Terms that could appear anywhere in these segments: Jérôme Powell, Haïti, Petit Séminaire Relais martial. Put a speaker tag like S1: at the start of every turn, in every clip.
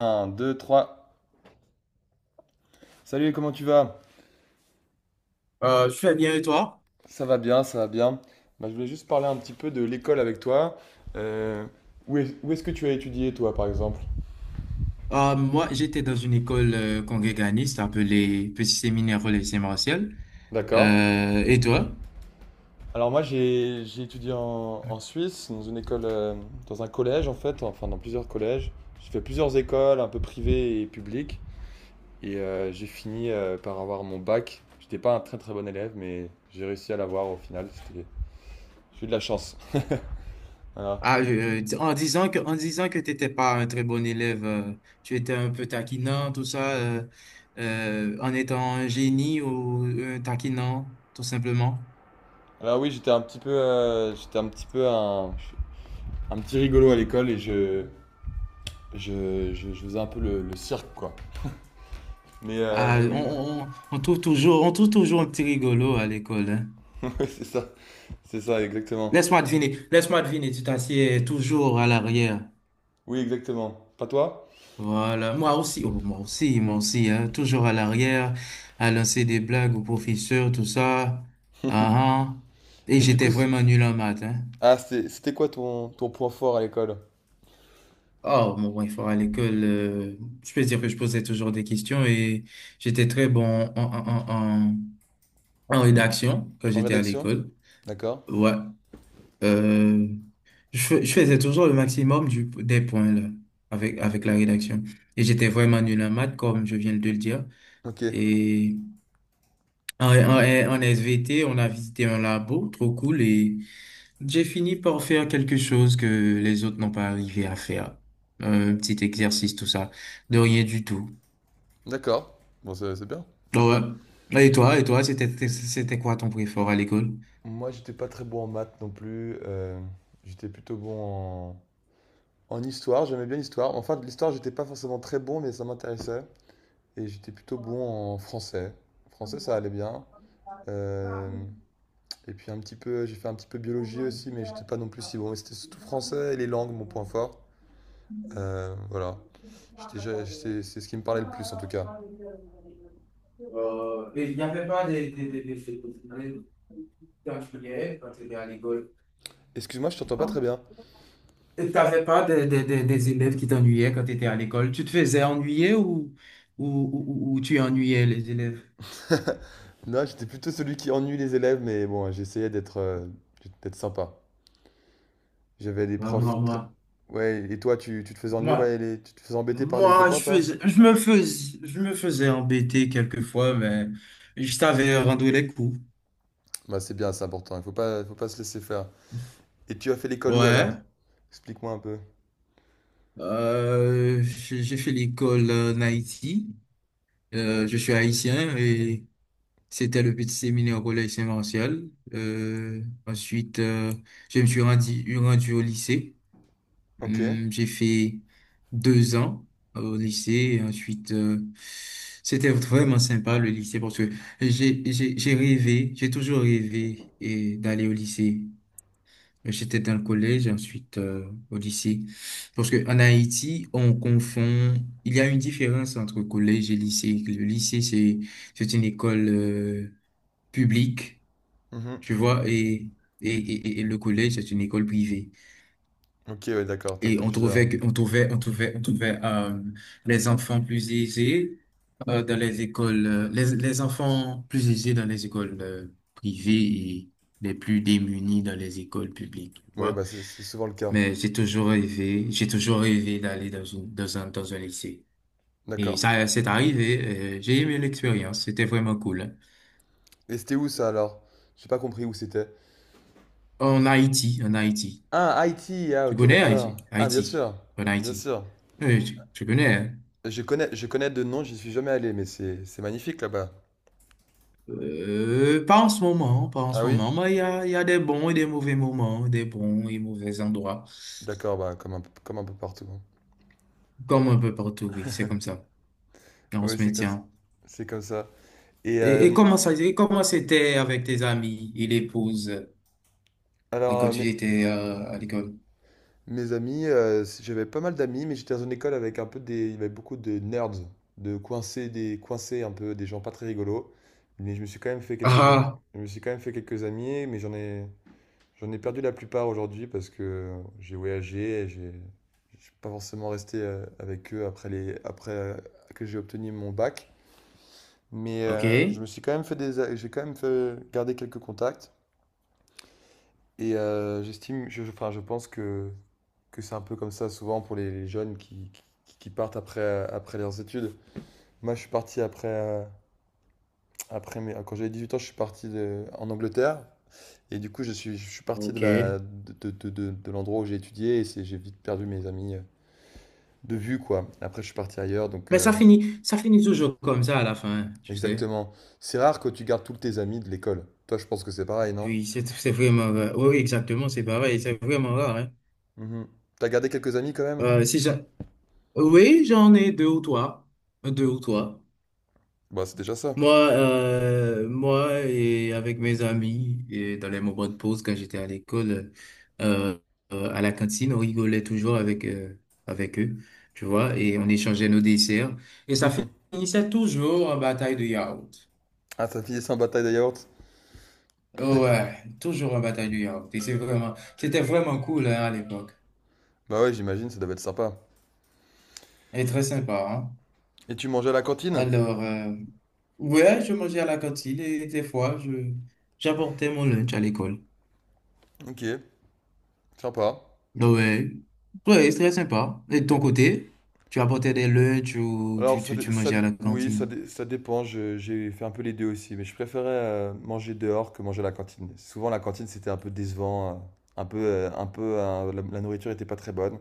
S1: Un 2 3. Salut, comment tu vas?
S2: Je fais bien, et toi?
S1: Ça va bien, ça va bien. Bah, je voulais juste parler un petit peu de l'école avec toi. Euh, Où est, où est-ce que tu as étudié, toi, par exemple?
S2: Moi, j'étais dans une école congréganiste appelée Petit Séminaire Relais martial.
S1: D'accord.
S2: Et toi?
S1: Alors moi, j'ai étudié en, en Suisse, dans une école, dans un collège, en fait, enfin dans plusieurs collèges. J'ai fait plusieurs écoles, un peu privées et publiques. Et j'ai fini par avoir mon bac. J'étais pas un très très bon élève, mais j'ai réussi à l'avoir au final. C'était- J'ai eu de la chance. Voilà.
S2: En disant que tu n'étais pas un très bon élève, tu étais un peu taquinant, tout ça, en étant un génie ou un taquinant, tout simplement.
S1: Alors oui, j'étais un petit peu, j'étais un petit peu un petit rigolo à l'école et je faisais un peu le cirque, quoi.
S2: Ah,
S1: Mais
S2: on,
S1: oui,
S2: on, on on trouve toujours, on trouve toujours un petit rigolo à l'école, hein.
S1: c'est ça, c'est ça, exactement.
S2: Laisse-moi deviner, tu t'assieds toujours à l'arrière.
S1: Oui, exactement. Pas toi?
S2: Voilà, moi aussi, oh, moi aussi, hein, toujours à l'arrière, à lancer des blagues aux professeurs, tout ça. Ah, ah. Et
S1: Et du
S2: j'étais
S1: coup, c-
S2: vraiment nul en maths, hein.
S1: ah, c'était quoi ton, ton point fort à l'école?
S2: Oh, mon bon, il faut à l'école, je peux dire que je posais toujours des questions, et j'étais très bon en, en, en, en, en rédaction quand
S1: En
S2: j'étais à
S1: rédaction?
S2: l'école.
S1: D'accord.
S2: Ouais, euh, je faisais toujours le maximum des points, là, avec la rédaction. Et j'étais vraiment nul en maths, comme je viens de le dire.
S1: Ok,
S2: et En SVT, on a visité un labo, trop cool, et j'ai fini par faire quelque chose que les autres n'ont pas arrivé à faire. Un petit exercice tout ça, de rien du tout.
S1: d'accord. Bon, c'est bien.
S2: Et toi, c'était c'était quoi ton préféré à l'école?
S1: Moi, j'étais pas très bon en maths non plus. J'étais plutôt bon en, en histoire. J'aimais bien l'histoire. Enfin, de l'histoire, j'étais pas forcément très bon, mais ça m'intéressait. Et j'étais plutôt bon en français. Français, ça allait bien. Euh, Et puis un petit peu, j'ai fait un petit peu biologie aussi, mais j'étais pas non plus si bon. Mais c'était surtout français et les langues, mon point fort. Voilà. C'est ce qui me parlait le plus en tout cas.
S2: Il n'y avait pas de spécialités parce qu'à l'école.
S1: Excuse-moi, je t'entends pas très bien.
S2: Et t'avais pas des élèves qui t'ennuyaient quand tu étais à l'école? Tu te faisais ennuyer ou, ou tu ennuyais les élèves?
S1: Non, j'étais plutôt celui qui ennuie les élèves, mais bon, j'essayais d'être d'être sympa. J'avais des
S2: Ah, moi,
S1: profs très...
S2: moi,
S1: Ouais, et toi, tu te faisais ennuyer par
S2: moi,
S1: les... Tu te faisais embêter par les
S2: Moi,
S1: copains, toi?
S2: je me faisais embêter quelquefois, mais je savais rendre les coups.
S1: Bah, c'est bien, c'est important. Il faut pas se laisser faire. Et tu as fait l'école où alors?
S2: Ouais.
S1: Explique-moi un peu.
S2: J'ai fait l'école en Haïti. Je suis haïtien, et c'était le petit séminaire au collège Saint-Martial. Euh, ensuite, euh, je me suis rendu au lycée.
S1: Ok.
S2: J'ai fait deux ans au lycée, et ensuite c'était vraiment sympa le lycée parce que j'ai toujours rêvé et d'aller au lycée. J'étais dans le collège ensuite au lycée parce que en Haïti on confond, il y a une différence entre collège et lycée. Le lycée c'est une école publique,
S1: Mhm.
S2: tu vois, et et le collège c'est une école privée.
S1: Ok, ouais, d'accord, t'as
S2: Et
S1: fait
S2: on
S1: plusieurs.
S2: trouvait, on trouvait, on trouvait, les enfants plus aisés dans les écoles, les enfants plus aisés dans les écoles privées, et les plus démunis dans les écoles publiques, tu
S1: Oui,
S2: vois.
S1: bah c'est souvent le cas.
S2: Mais j'ai toujours rêvé d'aller dans une, dans un lycée. Et
S1: D'accord.
S2: ça, c'est arrivé. J'ai aimé l'expérience. C'était vraiment cool, hein.
S1: Et c'était où ça alors? J'ai pas compris où c'était.
S2: En Haïti, en Haïti.
S1: Ah, Haïti. Ah,
S2: Tu
S1: ok,
S2: connais
S1: d'accord.
S2: Haïti?
S1: Ah, bien
S2: Haïti.
S1: sûr.
S2: En
S1: Bien
S2: Haïti.
S1: sûr.
S2: Oui, tu connais, hein?
S1: Je connais de nom, j'y suis jamais allé, mais c'est magnifique là-bas.
S2: Pas en ce moment, pas en ce
S1: Ah oui?
S2: moment, mais il y a des bons et des mauvais moments, des bons et mauvais endroits,
S1: D'accord, bah comme un peu partout, hein.
S2: comme un peu partout, oui, c'est comme ça. Et on se
S1: Oui,
S2: maintient.
S1: c'est comme ça. Et
S2: Et comment c'était avec tes amis et l'épouse
S1: alors,
S2: quand
S1: euh,
S2: tu
S1: mais
S2: étais à l'école?
S1: mes amis, j'avais pas mal d'amis, mais j'étais dans une école avec un peu des, il y avait beaucoup de nerds, de coincés, des coincés un peu, des gens pas très rigolos. Mais je me suis quand même fait quelques amis,
S2: Ah,
S1: je me suis quand même fait quelques amis, mais j'en ai perdu la plupart aujourd'hui parce que j'ai voyagé, et je suis pas forcément resté avec eux après les, après que j'ai obtenu mon bac. Mais
S2: ah, ok,
S1: je me suis quand même fait des, a- j'ai quand même fait garder quelques contacts et j'estime, enfin, je pense que c'est un peu comme ça souvent pour les jeunes qui partent après, après leurs études. Moi, je suis parti après, après mes, quand j'avais 18 ans, je suis parti de- en Angleterre. Et du coup, je suis parti de
S2: ok.
S1: la, de l'endroit où j'ai étudié et c'est, j'ai vite perdu mes amis de vue, quoi. Après, je suis parti ailleurs, donc
S2: Mais ça finit toujours comme ça à la fin, tu sais.
S1: exactement. C'est rare que tu gardes tous tes amis de l'école. Toi, je pense que c'est pareil, non?
S2: Oui, c'est vraiment rare. Oui, oui, exactement, c'est pareil, c'est vraiment rare, hein.
S1: Mhm. T'as gardé quelques amis quand même?
S2: Si j'a- Oui, j'en ai deux ou trois, deux ou trois.
S1: Bah, c'est déjà ça.
S2: Moi, moi, et avec mes amis, et dans les moments de pause quand j'étais à l'école, euh, à la cantine, on rigolait toujours avec, avec eux, tu vois, et on échangeait nos desserts. Et ça finissait toujours en bataille de yaourt.
S1: Ah, t'as filé ça en bataille de yaourt?
S2: Ouais, toujours en bataille de yaourt. C'était vraiment cool, hein, à l'époque.
S1: Bah ouais, j'imagine, ça devait être sympa.
S2: Et très sympa, hein.
S1: Et tu mangeais à la cantine?
S2: Alors, ouais, je mangeais à la cantine, et des fois, j'apportais mon lunch à l'école.
S1: Ok. Sympa.
S2: Donc, ouais, ouais, c'est très sympa. Et de ton
S1: Et-
S2: côté, tu apportais des lunchs ou
S1: Alors,
S2: tu
S1: ça
S2: mangeais
S1: dé-
S2: à la
S1: oui, ça,
S2: cantine?
S1: dé- ça dépend. J'ai fait un peu les deux aussi, mais je préférais manger dehors que manger à la cantine. Souvent, la cantine, c'était un peu décevant. La, la nourriture était pas très bonne.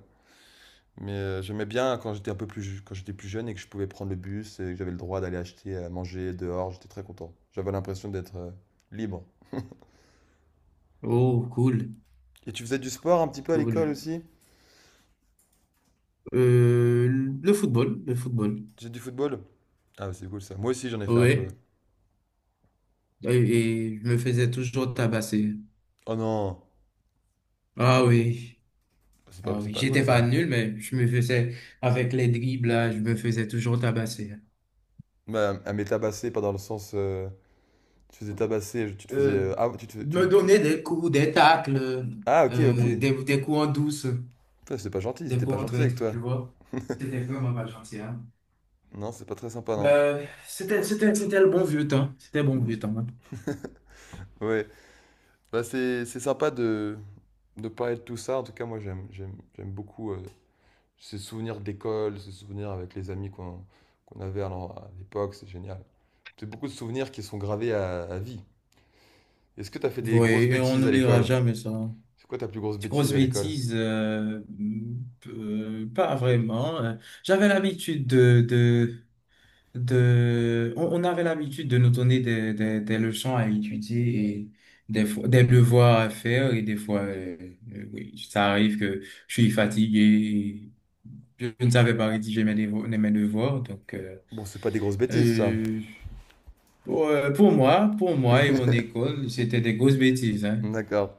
S1: Mais j'aimais bien quand j'étais un peu plus, ju- quand j'étais plus jeune et que je pouvais prendre le bus et que j'avais le droit d'aller acheter à manger dehors. J'étais très content. J'avais l'impression d'être libre.
S2: Oh, cool,
S1: Et tu faisais du sport un petit peu à
S2: cool.
S1: l'école aussi?
S2: Euh, le football, le football.
S1: Tu faisais du football? Ah, c'est cool ça. Moi aussi, j'en ai fait un peu.
S2: Ouais, et, et je me faisais toujours tabasser.
S1: Oh non,
S2: Ah oui, ah
S1: c'est
S2: oui,
S1: pas cool
S2: j'étais pas
S1: ça.
S2: nul, mais je me faisais, avec les dribbles, là, je me faisais toujours tabasser.
S1: Bah, elle mais tabasser, pas dans le sens. Tu te faisais tabasser, tu te faisais.
S2: Euh,
S1: Ah, te fais-
S2: Me
S1: tu-
S2: donner des coups, des tacles,
S1: Ah, ok, ok.
S2: des coups en douce,
S1: Putain, c'est pas gentil,
S2: des
S1: c'était pas
S2: coups en
S1: gentil avec
S2: traître,
S1: toi.
S2: tu vois. C'était vraiment pas gentil, hein.
S1: Non, c'est pas très sympa, non.
S2: C'était le bon vieux temps. C'était le bon vieux temps, hein.
S1: Ouais. Bah, c'est sympa de parler de tout ça. En tout cas, moi, j'aime j'aime j'aime beaucoup ces souvenirs d'école, ces souvenirs avec les amis qu'on qu'on avait à l'en- à l'époque. C'est génial. C'est beaucoup de souvenirs qui sont gravés à vie. Est-ce que t'as fait des
S2: Oui,
S1: grosses
S2: et on
S1: bêtises à
S2: n'oubliera
S1: l'école?
S2: jamais ça.
S1: C'est quoi ta plus grosse
S2: Des grosses
S1: bêtise à l'école?
S2: bêtises, pas vraiment, hein. J'avais l'habitude de, On avait l'habitude de nous donner des leçons à étudier, et des fois, des devoirs à faire. Et des fois, oui, ça arrive que je suis fatigué. Je ne savais pas rédiger mes devoirs, donc
S1: Bon, c'est pas des grosses bêtises, ça.
S2: euh, pour moi et mon école, c'était des grosses bêtises, hein.
S1: D'accord.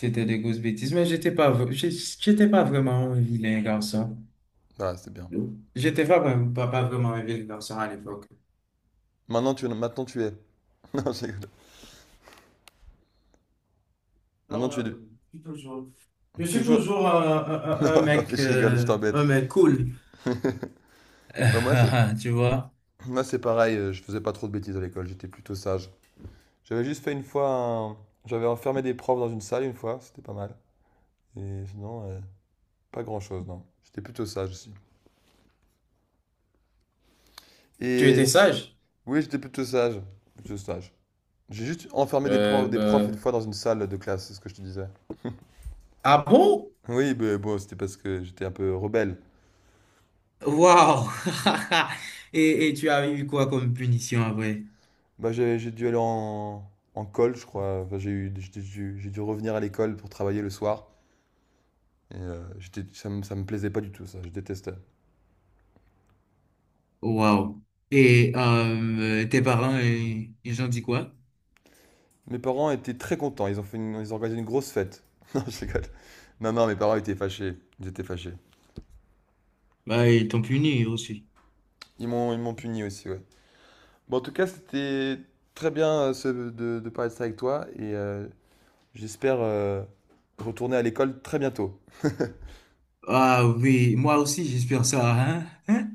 S2: C'était des grosses bêtises, mais j'étais pas vraiment un vilain garçon.
S1: Ah, c'est bien.
S2: J'étais pas vraiment un vilain garçon à l'époque.
S1: Maintenant tu es. Non, je rigole. Maintenant
S2: Non,
S1: tu es du-
S2: je suis
S1: toujours.
S2: toujours
S1: Non, non, mais je rigole, je t'embête.
S2: un mec cool.
S1: moi, c'est
S2: Tu vois?
S1: Moi, c'est pareil, je faisais pas trop de bêtises à l'école, j'étais plutôt sage. J'avais juste fait une fois un- J'avais enfermé des profs dans une salle une fois, c'était pas mal. Et sinon, pas grand-chose, non. J'étais plutôt sage aussi.
S2: Tu
S1: Et
S2: étais
S1: si-
S2: sage?
S1: oui, j'étais plutôt sage. Plutôt sage. J'ai juste enfermé
S2: Euh,
S1: des profs une
S2: ben,
S1: fois dans une salle de classe, c'est ce que je te disais.
S2: ah bon?
S1: Oui, mais bon, c'était parce que j'étais un peu rebelle.
S2: Waouh! Et tu as eu quoi comme punition après?
S1: Bah, j'ai dû aller en, en colle, je crois. Enfin, j'ai eu, j'ai dû revenir à l'école pour travailler le soir. Et j'étais, ça me plaisait pas du tout, ça. Je détestais.
S2: Waouh. Et tes parents, ils ont dit quoi?
S1: Mes parents étaient très contents. Ils ont organisé une grosse fête. Non, je rigole. Non, non, mes parents étaient fâchés. Ils étaient fâchés.
S2: Bah, ils t'ont puni aussi.
S1: Ils m'ont puni aussi, ouais. Bon, en tout cas, c'était très bien de parler de ça avec toi. Et j'espère retourner à l'école très bientôt.
S2: Ah oui, moi aussi, j'espère ça, hein? Hein?